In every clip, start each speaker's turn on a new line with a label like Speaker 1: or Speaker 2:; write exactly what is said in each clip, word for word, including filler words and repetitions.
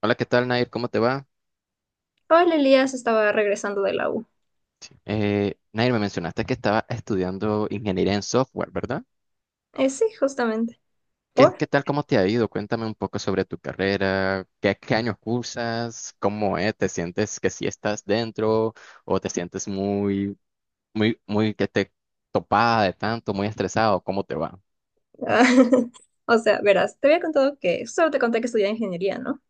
Speaker 1: Hola, ¿qué tal, Nair? ¿Cómo te va?
Speaker 2: Paul Elías estaba regresando de la U.
Speaker 1: Eh, Nair, me mencionaste que estaba estudiando ingeniería en software, ¿verdad?
Speaker 2: Eh, sí, justamente.
Speaker 1: ¿Qué,
Speaker 2: ¿Por?
Speaker 1: qué tal, ¿cómo te ha ido? Cuéntame un poco sobre tu carrera, qué, qué años cursas, cómo es, ¿te sientes que sí estás dentro o te sientes muy, muy, muy que te topada de tanto, muy estresado, ¿cómo te va?
Speaker 2: Ah, o sea, verás, te había contado que solo te conté que estudié ingeniería, ¿no?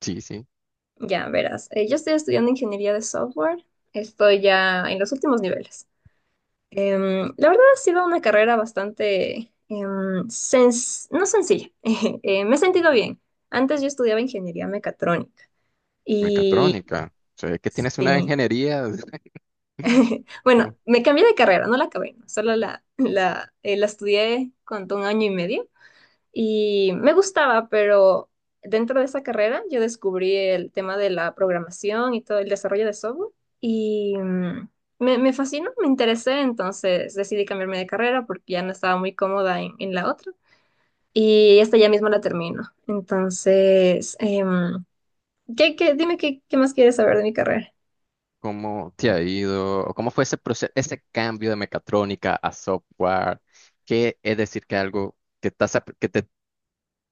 Speaker 1: Sí, sí,
Speaker 2: Ya, verás. eh, yo estoy estudiando ingeniería de software. Estoy ya en los últimos niveles. Em, la verdad ha sido una carrera bastante, em, sens- no sencilla. Eh, me he sentido bien. Antes yo estudiaba ingeniería mecatrónica. Y
Speaker 1: mecatrónica. O sea, que tienes una
Speaker 2: sí,
Speaker 1: ingeniería.
Speaker 2: bueno, me cambié de carrera, no la acabé, solo la, la, eh, la estudié cuando un año y medio. Y me gustaba, pero dentro de esa carrera yo descubrí el tema de la programación y todo el desarrollo de software y mm, me, me fascinó, me interesé, entonces decidí cambiarme de carrera porque ya no estaba muy cómoda en, en la otra y esta ya mismo la termino. Entonces, em, ¿qué, qué- dime qué, qué más quieres saber de mi carrera?
Speaker 1: ¿Cómo te ha ido? ¿O cómo fue ese proceso, ese cambio de mecatrónica a software? ¿Qué es decir que algo que estás, ap- que te,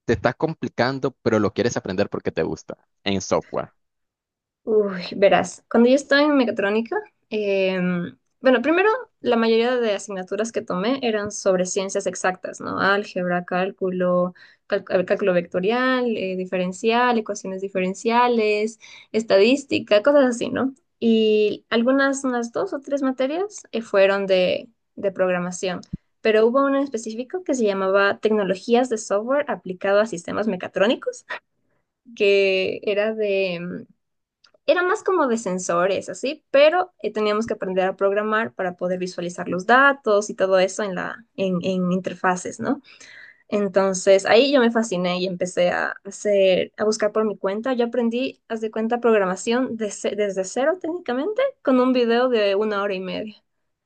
Speaker 1: te estás complicando, pero lo quieres aprender porque te gusta en software?
Speaker 2: Uy, verás, cuando yo estaba en mecatrónica, em, bueno, primero la mayoría de asignaturas que tomé eran sobre ciencias exactas, ¿no? Álgebra, cálculo, cal- cálculo vectorial, eh, diferencial, ecuaciones diferenciales, estadística, cosas así, ¿no? Y algunas, unas dos o tres materias eh, fueron de, de programación, pero hubo una en específico que se llamaba Tecnologías de Software aplicado a sistemas mecatrónicos que era de, em, era más como de sensores, así, pero eh, teníamos que aprender a programar para poder visualizar los datos y todo eso en la, en, en interfaces, ¿no? Entonces ahí yo me fasciné y empecé a hacer, a buscar por mi cuenta. Yo aprendí, haz de cuenta, programación de ce- desde cero técnicamente, con un video de una hora y media.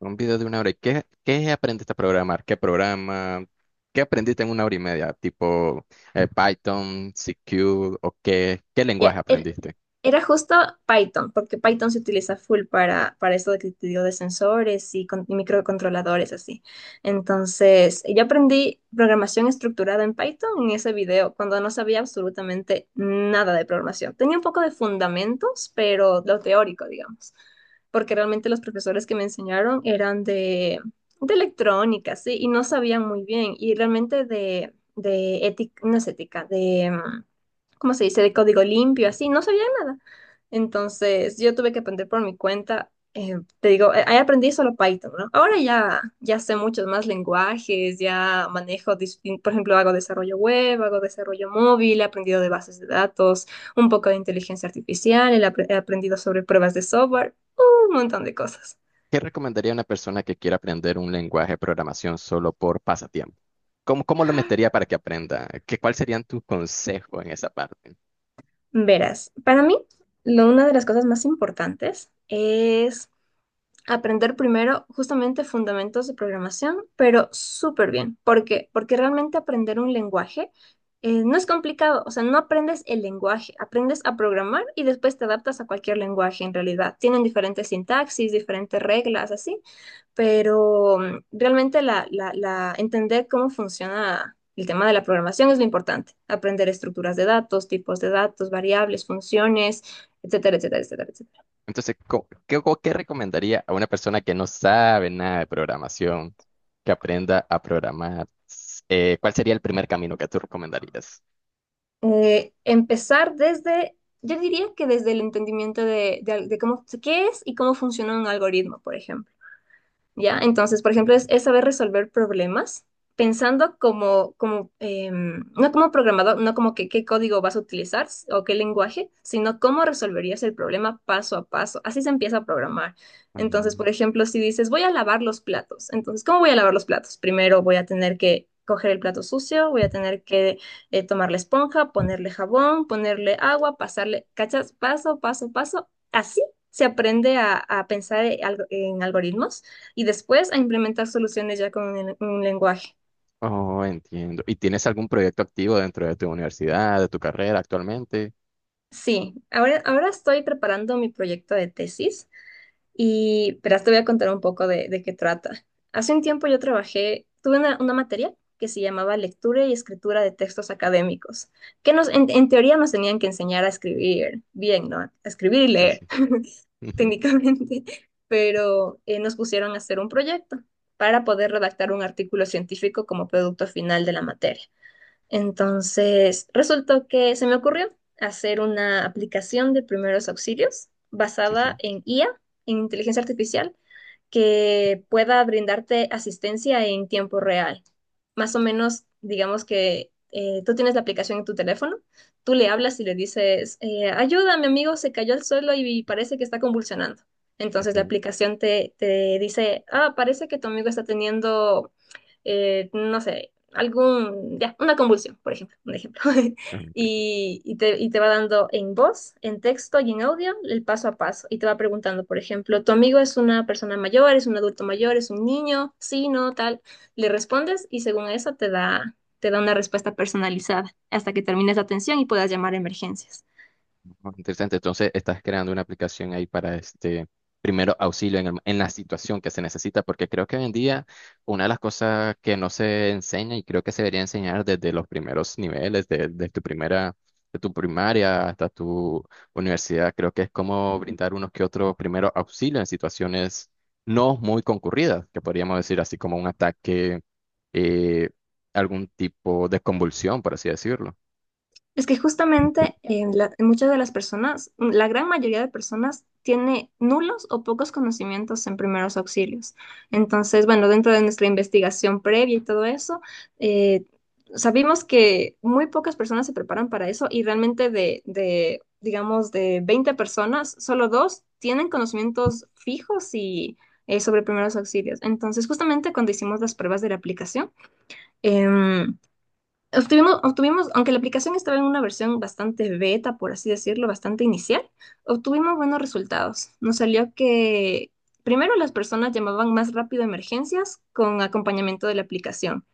Speaker 1: Un video de una hora. ¿Y qué, qué aprendiste a programar? ¿Qué programa? ¿Qué aprendiste en una hora y media? Tipo eh, Python, C Q o qué, qué lenguaje
Speaker 2: Ya, era-
Speaker 1: aprendiste?
Speaker 2: Era justo Python, porque Python se utiliza full para, para esto de que te digo de sensores y, con- y microcontroladores, así. Entonces, yo aprendí programación estructurada en Python en ese video, cuando no sabía absolutamente nada de programación. Tenía un poco de fundamentos, pero lo teórico, digamos, porque realmente los profesores que me enseñaron eran de, de electrónica, sí, y no sabían muy bien, y realmente de, de ética, no es ética, de... mm, ¿cómo se dice?, de código limpio, así, no sabía nada. Entonces, yo tuve que aprender por mi cuenta. eh, te digo, eh, ahí aprendí solo Python, ¿no? Ahora ya, ya sé muchos más lenguajes, ya manejo, distin- por ejemplo, hago desarrollo web, hago desarrollo móvil, he aprendido de bases de datos, un poco de inteligencia artificial, he apre- he aprendido sobre pruebas de software, un montón de cosas.
Speaker 1: ¿Qué recomendaría a una persona que quiera aprender un lenguaje de programación solo por pasatiempo? ¿Cómo, cómo lo metería para que aprenda? ¿Qué, cuál serían tus consejos en esa parte?
Speaker 2: Verás, para mí, lo- una de las cosas más importantes es aprender primero justamente fundamentos de programación, pero súper bien. ¿Por qué? Porque realmente aprender un lenguaje eh, no es complicado, o sea, no aprendes el lenguaje, aprendes a programar y después te adaptas a cualquier lenguaje en realidad. Tienen diferentes sintaxis, diferentes reglas, así, pero mm, realmente la, la, la, entender cómo funciona el tema de la programación es lo importante. Aprender estructuras de datos, tipos de datos, variables, funciones, etcétera, etcétera, etcétera, etcétera.
Speaker 1: Entonces, co- ¿qué, co- qué recomendaría a una persona que no sabe nada de programación, que aprenda a programar? Eh, ¿cuál sería el primer camino que tú recomendarías?
Speaker 2: Eh, empezar desde, yo diría que desde el entendimiento de, de al- de cómo, qué es y cómo funciona un algoritmo, por ejemplo. ¿Ya? Entonces, por ejemplo, es, es saber resolver problemas pensando como, como em, no como programador, no como que qué código vas a utilizar s- o qué lenguaje, sino cómo resolverías el problema paso a paso. Así se empieza a programar. Entonces,
Speaker 1: Ujú.
Speaker 2: por ejemplo, si dices, voy a lavar los platos, entonces, ¿cómo voy a lavar los platos? Primero voy a tener que... coger el plato sucio, voy a tener que eh, tomar la esponja, ponerle jabón, ponerle agua, pasarle, ¿cachas? Paso, paso, paso. Así se aprende a, a pensar en algo- en algoritmos y después a implementar soluciones ya con un, un lenguaje.
Speaker 1: Oh, entiendo. ¿Y tienes algún proyecto activo dentro de tu universidad, de tu carrera actualmente?
Speaker 2: Sí, ahora, ahora estoy preparando mi proyecto de tesis y verás, te voy a contar un poco de, de qué trata. Hace un tiempo yo trabajé, tuve una, una materia que se llamaba Lectura y Escritura de Textos Académicos, que nos, en, en teoría nos tenían que enseñar a escribir bien, ¿no? A escribir y
Speaker 1: Sí,
Speaker 2: leer
Speaker 1: sí.
Speaker 2: técnicamente, pero eh, nos pusieron a hacer un proyecto para poder redactar un artículo científico como producto final de la materia. Entonces, resultó que se me ocurrió hacer una aplicación de primeros auxilios
Speaker 1: Sí,
Speaker 2: basada
Speaker 1: sí.
Speaker 2: en I A, en inteligencia artificial, que pueda brindarte asistencia en tiempo real. Más o menos, digamos que eh, tú tienes la aplicación en tu teléfono, tú le hablas y le dices, eh, ayuda, mi amigo se cayó al suelo y parece que está convulsionando.
Speaker 1: Ok,
Speaker 2: Entonces la aplicación te, te dice, ah, parece que tu amigo está teniendo, eh, no sé, algún, ya, una convulsión, por ejemplo, un ejemplo.
Speaker 1: ok.
Speaker 2: y, y te, y te va dando en voz, en texto y en audio el paso a paso. Y te va preguntando, por ejemplo, ¿tu amigo es una persona mayor, es un adulto mayor, es un niño? Sí, no, tal. Le respondes y según eso te da, te da una respuesta personalizada hasta que termines la atención y puedas llamar a emergencias.
Speaker 1: Oh, interesante. Entonces, estás creando una aplicación ahí para este primero auxilio en, el- en la situación que se necesita, porque creo que hoy en día una de las cosas que no se enseña y creo que se debería enseñar desde los primeros niveles, de, de tu primera, de tu primaria hasta tu universidad, creo que es cómo brindar unos que otros primeros auxilios en situaciones no muy concurridas, que podríamos decir así como un ataque, eh, algún tipo de convulsión, por así decirlo.
Speaker 2: Es que justamente en la- en muchas de las personas, la gran mayoría de personas tiene nulos o pocos conocimientos en primeros auxilios. Entonces, bueno, dentro de nuestra investigación previa y todo eso, eh, sabimos que muy pocas personas se preparan para eso y realmente de, de, digamos, de veinte personas, solo dos tienen conocimientos fijos y eh, sobre primeros auxilios. Entonces, justamente cuando hicimos las pruebas de la aplicación, em, Obtuvimos, obtuvimos, aunque la aplicación estaba en una versión bastante beta, por así decirlo, bastante inicial, obtuvimos buenos resultados. Nos salió que primero las personas llamaban más rápido a emergencias con acompañamiento de la aplicación.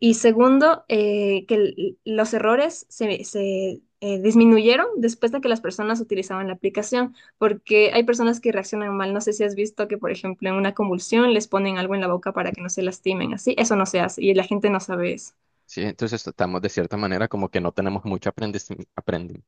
Speaker 2: Y segundo, eh, que el- los errores se, se, eh, disminuyeron después de que las personas utilizaban la aplicación, porque hay personas que reaccionan mal. No sé si has visto que, por ejemplo, en una convulsión les ponen algo en la boca para que no se lastimen, así. Eso no se hace y la gente no sabe eso.
Speaker 1: Sí, entonces estamos de cierta manera como que no tenemos mucho aprendiz- aprendi-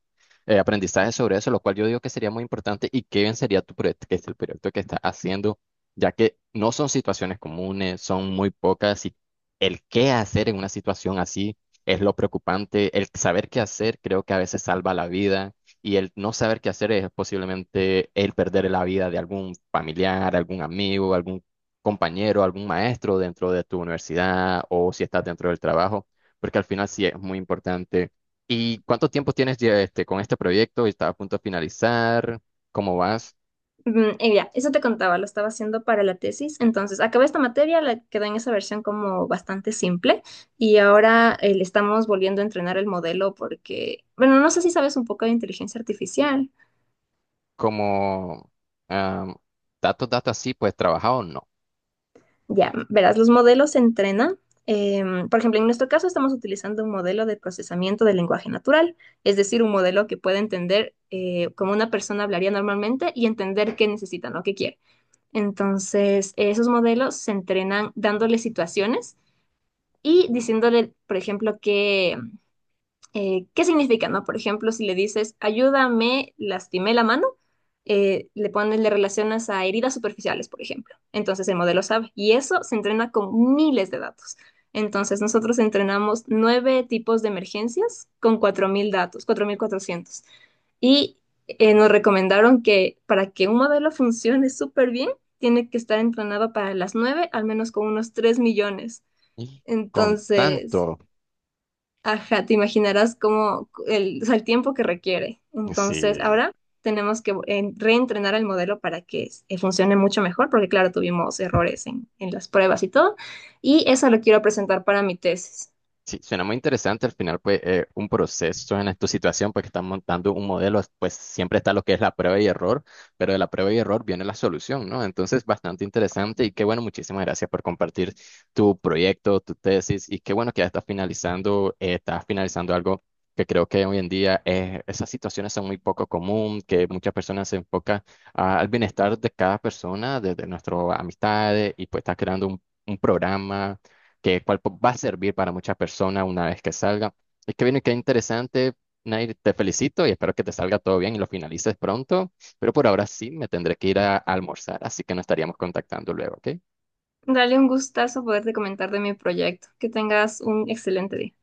Speaker 1: eh, aprendizaje sobre eso, lo cual yo digo que sería muy importante y qué bien sería tu proyecto, que es el proyecto que estás haciendo, ya que no son situaciones comunes, son muy pocas y el qué hacer en una situación así es lo preocupante, el saber qué hacer creo que a veces salva la vida y el no saber qué hacer es posiblemente el perder la vida de algún familiar, algún amigo, algún compañero, algún maestro dentro de tu universidad o si estás dentro del trabajo porque al final sí es muy importante. ¿Y cuánto tiempo tienes ya este, con este proyecto? ¿Estás a punto de finalizar? ¿Cómo vas?
Speaker 2: Mm, Y ya, eso te contaba, lo estaba haciendo para la tesis. Entonces, acabé esta materia, la quedó en esa versión como bastante simple y ahora eh, le estamos volviendo a entrenar el modelo porque, bueno, no sé si sabes un poco de inteligencia artificial.
Speaker 1: ¿Cómo am, datos, datos así, pues trabajado o no?
Speaker 2: Ya, verás, los modelos se entrenan. em, por ejemplo, en nuestro caso estamos utilizando un modelo de procesamiento del lenguaje natural, es decir, un modelo que puede entender eh, cómo una persona hablaría normalmente y entender qué necesita, no qué quiere. Entonces, esos modelos se entrenan dándole situaciones y diciéndole, por ejemplo, que, eh, qué significa, ¿no? Por ejemplo, si le dices, ayúdame, lastimé la mano, eh, le pones, le relacionas a heridas superficiales, por ejemplo. Entonces el modelo sabe. Y eso se entrena con miles de datos. Entonces nosotros entrenamos nueve tipos de emergencias con cuatro mil datos, cuatro mil cuatrocientos. Y eh, nos recomendaron que para que un modelo funcione súper bien, tiene que estar entrenado para las nueve, al menos con unos tres millones.
Speaker 1: Y con
Speaker 2: Entonces,
Speaker 1: tanto,
Speaker 2: ajá, te imaginarás cómo el, o sea, el tiempo que requiere. Entonces,
Speaker 1: sí.
Speaker 2: ahora tenemos que eh, reentrenar el modelo para que eh, funcione mucho mejor, porque claro, tuvimos errores en, en las pruebas y todo. Y eso lo quiero presentar para mi tesis.
Speaker 1: Sí, suena muy interesante. Al final, pues, eh, un proceso en esta situación, pues, que están montando un modelo, pues, siempre está lo que es la prueba y error, pero de la prueba y error viene la solución, ¿no? Entonces, bastante interesante y qué bueno, muchísimas gracias por compartir tu proyecto, tu tesis y qué bueno que ya estás finalizando, eh, estás finalizando algo que creo que hoy en día eh, esas situaciones son muy poco común, que muchas personas se enfocan ah, al bienestar de cada persona, desde nuestras amistades y pues estás creando un un programa que cual po- va a servir para muchas personas una vez que salga. Es que viene, qué interesante. Nair, te felicito y espero que te salga todo bien y lo finalices pronto, pero por ahora sí me tendré que ir a almorzar, así que nos estaríamos contactando luego, ¿ok?
Speaker 2: Dale un gustazo poderte comentar de mi proyecto. Que tengas un excelente día.